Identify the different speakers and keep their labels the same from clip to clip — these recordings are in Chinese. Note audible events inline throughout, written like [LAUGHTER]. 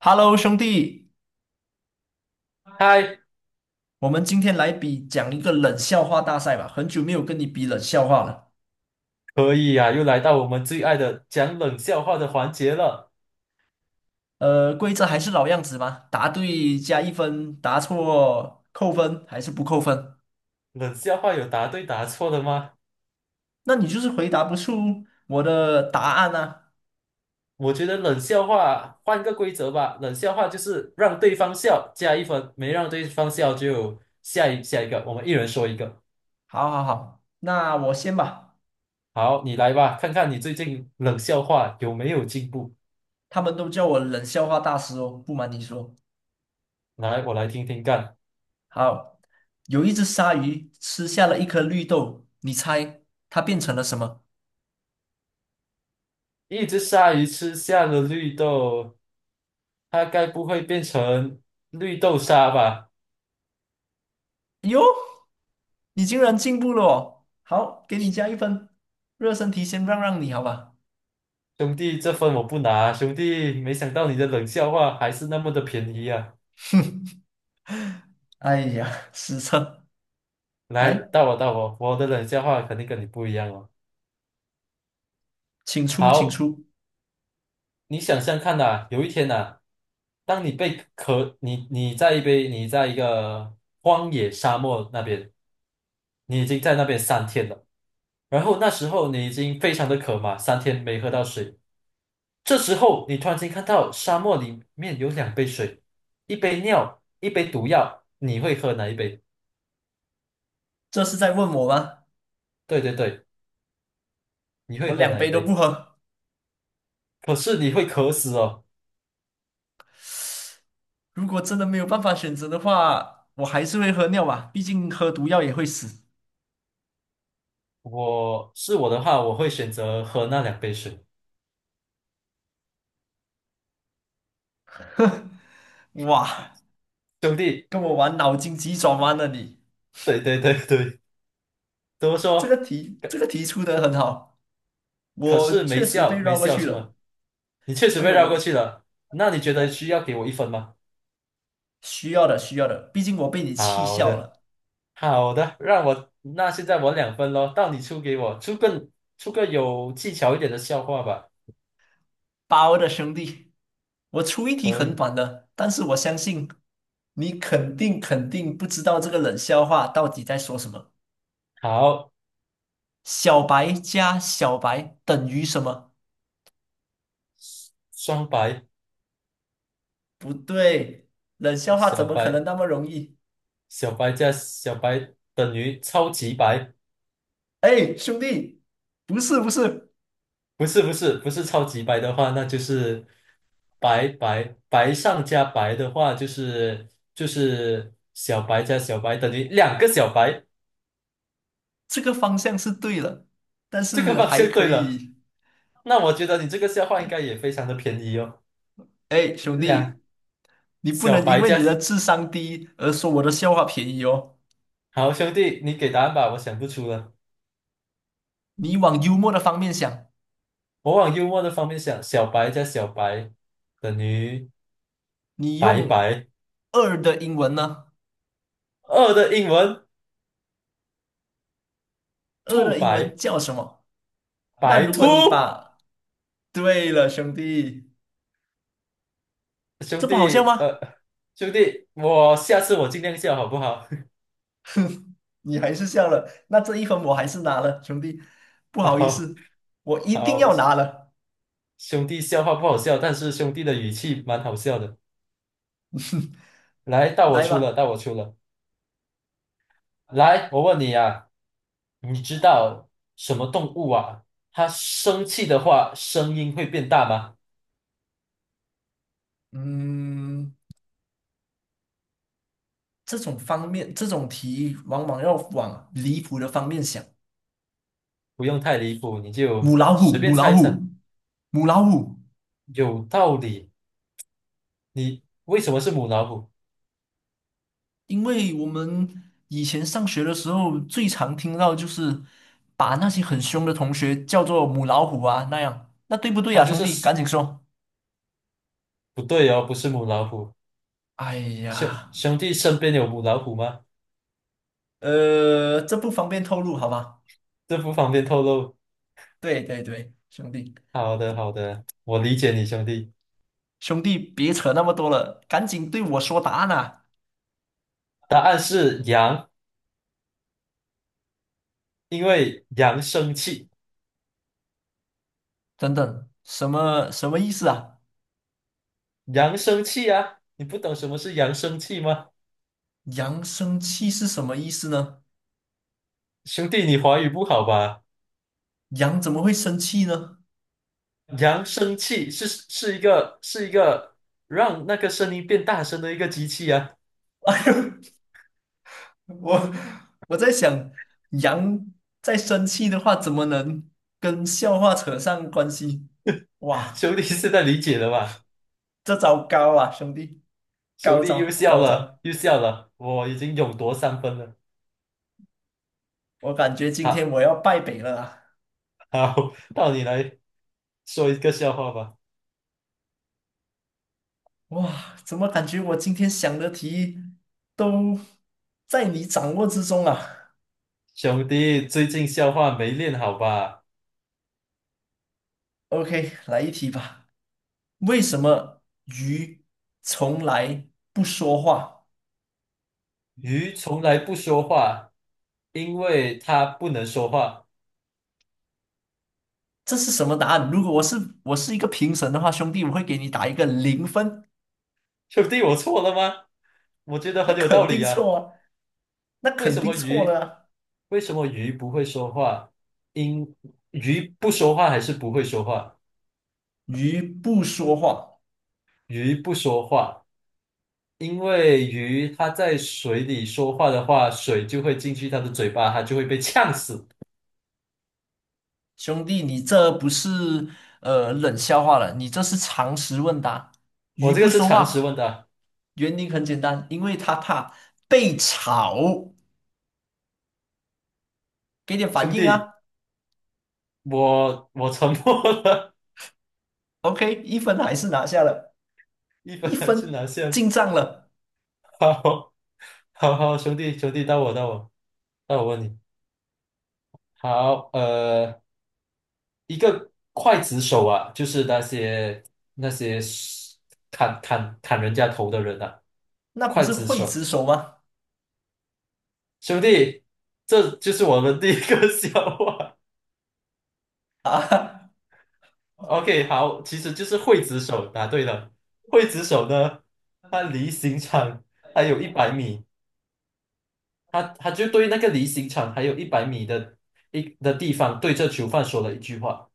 Speaker 1: Hello，兄弟，
Speaker 2: 嗨，
Speaker 1: 我们今天来比讲一个冷笑话大赛吧。很久没有跟你比冷笑话了。
Speaker 2: 可以呀、又来到我们最爱的讲冷笑话的环节了。
Speaker 1: 规则还是老样子吗？答对加一分，答错扣分还是不扣分？
Speaker 2: 冷笑话有答对答错的吗？
Speaker 1: 那你就是回答不出我的答案啊。
Speaker 2: 我觉得冷笑话换个规则吧，冷笑话就是让对方笑加一分，没让对方笑就下一个，我们一人说一个。
Speaker 1: 好好好，那我先吧。
Speaker 2: 好，你来吧，看看你最近冷笑话有没有进步。
Speaker 1: 他们都叫我冷笑话大师哦，不瞒你说。
Speaker 2: 来，我来听听看。
Speaker 1: 好，有一只鲨鱼吃下了一颗绿豆，你猜它变成了什么？
Speaker 2: 一只鲨鱼吃下了绿豆，它该不会变成绿豆沙吧？
Speaker 1: 哟，你竟然进步了哦！好，给你加一分。热身题先让你，好吧？
Speaker 2: 兄弟，这分我不拿，兄弟，没想到你的冷笑话还是那么的便宜啊！
Speaker 1: 哎呀，失策！
Speaker 2: 来，
Speaker 1: 来，
Speaker 2: 到我到我，我的冷笑话肯定跟你不一样哦。
Speaker 1: 请出，请
Speaker 2: 好，
Speaker 1: 出。
Speaker 2: 你想象看呐、有一天呐、当你被渴，你在一个荒野沙漠那边，你已经在那边三天了，然后那时候你已经非常的渴嘛，三天没喝到水，这时候你突然间看到沙漠里面有两杯水，一杯尿，一杯毒药，你会喝哪一杯？
Speaker 1: 这是在问我吗？
Speaker 2: 对对对。你
Speaker 1: 我
Speaker 2: 会喝
Speaker 1: 两
Speaker 2: 哪一
Speaker 1: 杯都不
Speaker 2: 杯？
Speaker 1: 喝。
Speaker 2: 可是你会渴死哦。
Speaker 1: 如果真的没有办法选择的话，我还是会喝尿吧，毕竟喝毒药也会死。
Speaker 2: 我是我的话，我会选择喝那两杯水。
Speaker 1: 哇，
Speaker 2: 兄弟，
Speaker 1: 跟我玩脑筋急转弯了你！
Speaker 2: 对对对对，怎么
Speaker 1: 这个
Speaker 2: 说？
Speaker 1: 题，
Speaker 2: 可
Speaker 1: 这个题出的很好，
Speaker 2: 可
Speaker 1: 我
Speaker 2: 是没
Speaker 1: 确实被
Speaker 2: 笑，没
Speaker 1: 绕过
Speaker 2: 笑
Speaker 1: 去
Speaker 2: 是
Speaker 1: 了。
Speaker 2: 吗？你确实
Speaker 1: 我
Speaker 2: 被
Speaker 1: 有
Speaker 2: 绕过
Speaker 1: 我
Speaker 2: 去了。那你觉得
Speaker 1: 我
Speaker 2: 需要给我一分吗？
Speaker 1: 需要的需要的，毕竟我被你气
Speaker 2: 好
Speaker 1: 笑
Speaker 2: 的，
Speaker 1: 了。
Speaker 2: 好的，让我，那现在我2分咯，到你出给我，出个有技巧一点的笑话吧。
Speaker 1: 包的兄弟，我出一题
Speaker 2: 可
Speaker 1: 很
Speaker 2: 以，
Speaker 1: 短的，但是我相信你肯定不知道这个冷笑话到底在说什么。
Speaker 2: 好，
Speaker 1: 小白加小白等于什么？
Speaker 2: 双白。
Speaker 1: 不对，冷笑话怎
Speaker 2: 小
Speaker 1: 么可
Speaker 2: 白，
Speaker 1: 能那么容易？
Speaker 2: 小白加小白等于超级白。
Speaker 1: 哎，兄弟，不是，
Speaker 2: 不是不是不是超级白的话，那就是白白，白上加白的话，就是小白加小白等于两个小白，
Speaker 1: 这个方向是对了，但
Speaker 2: 这个
Speaker 1: 是
Speaker 2: 方
Speaker 1: 还
Speaker 2: 向
Speaker 1: 可
Speaker 2: 对了。
Speaker 1: 以。
Speaker 2: 那我觉得你这个笑话应该也非常的便宜哦，
Speaker 1: 哎，兄
Speaker 2: 两
Speaker 1: 弟，你不
Speaker 2: 小
Speaker 1: 能因
Speaker 2: 白
Speaker 1: 为你
Speaker 2: 加
Speaker 1: 的智商低而说我的笑话便宜哦，
Speaker 2: 好兄弟，你给答案吧，我想不出了。
Speaker 1: 你往幽默的方面想。
Speaker 2: 我往幽默的方面想，小白加小白等于
Speaker 1: 你
Speaker 2: 白
Speaker 1: 用
Speaker 2: 白。
Speaker 1: 二的英文呢？
Speaker 2: 二的英文
Speaker 1: 二
Speaker 2: 兔
Speaker 1: 的英文
Speaker 2: 白，
Speaker 1: 叫什么？那
Speaker 2: 白
Speaker 1: 如果你
Speaker 2: 兔。
Speaker 1: 把，对了，兄弟，这
Speaker 2: 兄
Speaker 1: 不好笑
Speaker 2: 弟，
Speaker 1: 吗？
Speaker 2: 兄弟，我下次我尽量笑，好不好？
Speaker 1: 你还是笑了，那这一分我还是拿了，兄弟，不
Speaker 2: [LAUGHS]
Speaker 1: 好意
Speaker 2: 好，
Speaker 1: 思，我一定
Speaker 2: 好，
Speaker 1: 要拿了，
Speaker 2: 兄弟，笑话不好笑，但是兄弟的语气蛮好笑的。来，到我
Speaker 1: 来
Speaker 2: 出了，
Speaker 1: 吧，
Speaker 2: 到我出了。来，我问你啊，你知道什么动物啊？它生气的话，声音会变大吗？
Speaker 1: 嗯，这种方面，这种题往往要往离谱的方面想，
Speaker 2: 不用太离谱，你
Speaker 1: 母
Speaker 2: 就
Speaker 1: 老虎，
Speaker 2: 随便
Speaker 1: 母
Speaker 2: 猜
Speaker 1: 老
Speaker 2: 一猜。
Speaker 1: 虎，母老虎。
Speaker 2: 有道理。你为什么是母老虎？
Speaker 1: 因为我们以前上学的时候，最常听到就是把那些很凶的同学叫做母老虎啊那样，那对不对
Speaker 2: 它
Speaker 1: 啊，
Speaker 2: 就
Speaker 1: 兄弟？
Speaker 2: 是，
Speaker 1: 赶紧说。
Speaker 2: 不对哦，不是母老虎。
Speaker 1: 哎
Speaker 2: 兄
Speaker 1: 呀，
Speaker 2: 兄弟身边有母老虎吗？
Speaker 1: 这不方便透露，好吧？
Speaker 2: 这不方便透露。
Speaker 1: 对对对，兄弟，
Speaker 2: 好的，好的，我理解你，兄弟。
Speaker 1: 兄弟，别扯那么多了，赶紧对我说答案啊！
Speaker 2: 答案是羊，因为羊生气。
Speaker 1: 等等，什么意思啊？
Speaker 2: 羊生气啊！你不懂什么是羊生气吗？
Speaker 1: 羊生气是什么意思呢？
Speaker 2: 兄弟，你华语不好吧？
Speaker 1: 羊怎么会生气呢？
Speaker 2: 羊生气是是一个是一个让那个声音变大声的一个机器啊！
Speaker 1: [LAUGHS] 我我在想，羊在生气的话，怎么能跟笑话扯上关系？
Speaker 2: [LAUGHS]
Speaker 1: 哇，
Speaker 2: 兄弟现在理解了吧？
Speaker 1: 这招高啊，兄弟，
Speaker 2: 兄
Speaker 1: 高
Speaker 2: 弟又
Speaker 1: 招
Speaker 2: 笑
Speaker 1: 高
Speaker 2: 了，
Speaker 1: 招！
Speaker 2: 又笑了，我已经勇夺3分了。
Speaker 1: 我感觉今天
Speaker 2: 好，
Speaker 1: 我要败北了啊！
Speaker 2: 好，到你来说一个笑话吧。
Speaker 1: 哇，怎么感觉我今天想的题都在你掌握之中啊
Speaker 2: 兄弟，最近笑话没练好吧？
Speaker 1: ？OK，来一题吧。为什么鱼从来不说话？
Speaker 2: 鱼从来不说话，因为它不能说话。
Speaker 1: 这是什么答案？如果我是一个评审的话，兄弟，我会给你打一个零分，
Speaker 2: 兄弟，我错了吗？我觉得
Speaker 1: 那
Speaker 2: 很有道
Speaker 1: 肯
Speaker 2: 理
Speaker 1: 定
Speaker 2: 啊。
Speaker 1: 错啊，那
Speaker 2: 为
Speaker 1: 肯
Speaker 2: 什
Speaker 1: 定
Speaker 2: 么
Speaker 1: 错
Speaker 2: 鱼？
Speaker 1: 了啊。
Speaker 2: 为什么鱼不会说话？因鱼不说话还是不会说话？
Speaker 1: 鱼不说话，
Speaker 2: 鱼不说话，因为鱼它在水里说话的话，水就会进去它的嘴巴，它就会被呛死。
Speaker 1: 兄弟，你这不是冷笑话了，你这是常识问答。
Speaker 2: 我
Speaker 1: 鱼
Speaker 2: 这个
Speaker 1: 不
Speaker 2: 是
Speaker 1: 说
Speaker 2: 常识
Speaker 1: 话，
Speaker 2: 问的。
Speaker 1: 原因很简单，因为它怕被炒。给点反
Speaker 2: 兄
Speaker 1: 应
Speaker 2: 弟，
Speaker 1: 啊
Speaker 2: 我沉默了，
Speaker 1: ，OK，一分还是拿下了，
Speaker 2: [LAUGHS] 一
Speaker 1: 一
Speaker 2: 分还是
Speaker 1: 分
Speaker 2: 拿下。
Speaker 1: 进账了，
Speaker 2: 好，好好，兄弟，兄弟，到我，到我。那我问你，好，一个刽子手啊，就是那些那些砍人家头的人啊，
Speaker 1: 那不
Speaker 2: 刽
Speaker 1: 是
Speaker 2: 子
Speaker 1: 刽子
Speaker 2: 手，
Speaker 1: 手吗？
Speaker 2: 兄弟，这就是我们第一个 [LAUGHS] 笑话。
Speaker 1: 啊，[LAUGHS] o k
Speaker 2: OK，好，其实就是刽子手，答对了。刽子手呢，他离刑场还有一百米，他就对那个离刑场还有一百米的一的地方，对着囚犯说了一句话，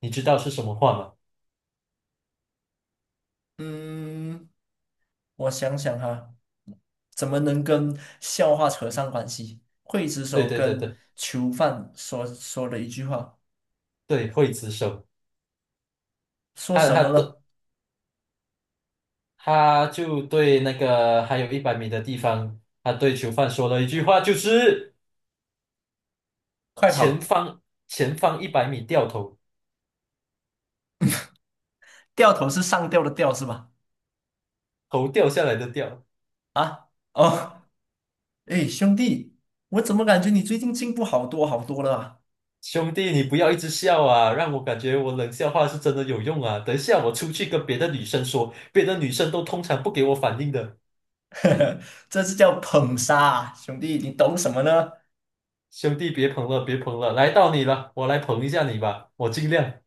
Speaker 2: 你知道是什么话吗？
Speaker 1: 嗯。我想想哈，怎么能跟笑话扯上关系？刽子
Speaker 2: 对
Speaker 1: 手
Speaker 2: 对对
Speaker 1: 跟
Speaker 2: 对
Speaker 1: 囚犯说了一句话，
Speaker 2: 对，刽子手。
Speaker 1: 说
Speaker 2: 他
Speaker 1: 什
Speaker 2: 他
Speaker 1: 么
Speaker 2: 对
Speaker 1: 了？
Speaker 2: 他就对那个还有一百米的地方，他对囚犯说了一句话，就是
Speaker 1: 快
Speaker 2: 前
Speaker 1: 跑！
Speaker 2: 方前方一百米掉头，
Speaker 1: 掉头是上吊的吊是吧？
Speaker 2: 头掉下来的掉。
Speaker 1: 啊，哦，哎，兄弟，我怎么感觉你最近进步好多了啊？
Speaker 2: 兄弟，你不要一直笑啊，让我感觉我冷笑话是真的有用啊。等一下我出去跟别的女生说，别的女生都通常不给我反应的。
Speaker 1: [LAUGHS] 这是叫捧杀啊，兄弟，你懂什么呢？
Speaker 2: 兄弟，别捧了，别捧了，来到你了，我来捧一下你吧，我尽量。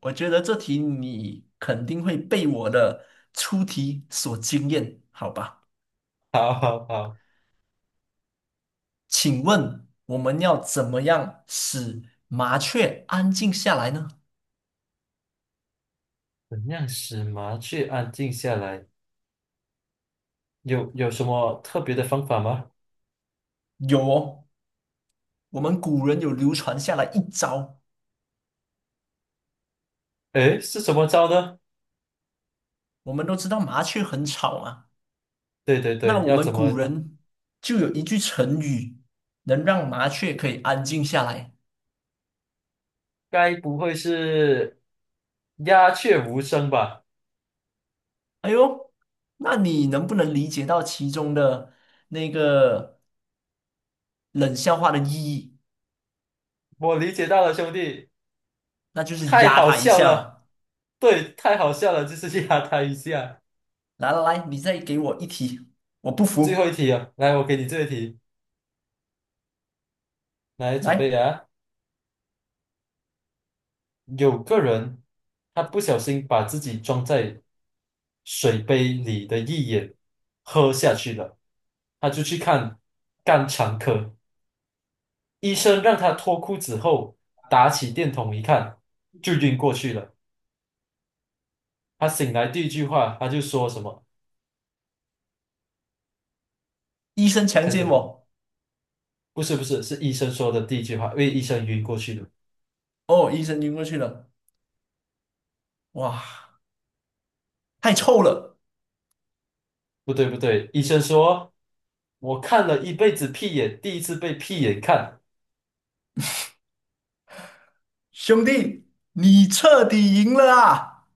Speaker 1: 我觉得这题你肯定会被我的出题所惊艳，好吧？
Speaker 2: 好好好，
Speaker 1: 请问我们要怎么样使麻雀安静下来呢？
Speaker 2: 怎样使麻雀安静下来？有什么特别的方法吗？
Speaker 1: 有哦，我们古人有流传下来一招。
Speaker 2: 诶，是怎么着呢？
Speaker 1: 我们都知道麻雀很吵嘛，
Speaker 2: 对对
Speaker 1: 那
Speaker 2: 对，
Speaker 1: 我
Speaker 2: 要
Speaker 1: 们
Speaker 2: 怎么
Speaker 1: 古
Speaker 2: 着？
Speaker 1: 人就有一句成语，能让麻雀可以安静下来。
Speaker 2: 该不会是鸦雀无声吧？
Speaker 1: 哎呦，那你能不能理解到其中的那个冷笑话的意义？
Speaker 2: 我理解到了，兄弟，
Speaker 1: 那就是
Speaker 2: 太
Speaker 1: 压
Speaker 2: 好
Speaker 1: 他一
Speaker 2: 笑
Speaker 1: 下
Speaker 2: 了。
Speaker 1: 嘛。
Speaker 2: 对，太好笑了，就是 [LAUGHS] 去压他一下。
Speaker 1: 来来来，你再给我一题，我不
Speaker 2: 最后
Speaker 1: 服。
Speaker 2: 一题啊，来，我给你这一题，来准备
Speaker 1: 来，
Speaker 2: 啊。有个人他不小心把自己装在水杯里的一眼喝下去了，他就去看肝肠科。医生让他脱裤子后，打起电筒一看，就晕过去了。他醒来第一句话，他就说什么？
Speaker 1: 医生强
Speaker 2: 猜
Speaker 1: 奸
Speaker 2: 猜看，
Speaker 1: 我。
Speaker 2: 不是不是，是医生说的第一句话，因为医生晕过去了。
Speaker 1: 哦，医生晕过去了，哇，太臭了，
Speaker 2: 不对不对，医生说，我看了一辈子屁眼，第一次被屁眼看。
Speaker 1: 兄弟，你彻底赢了啊！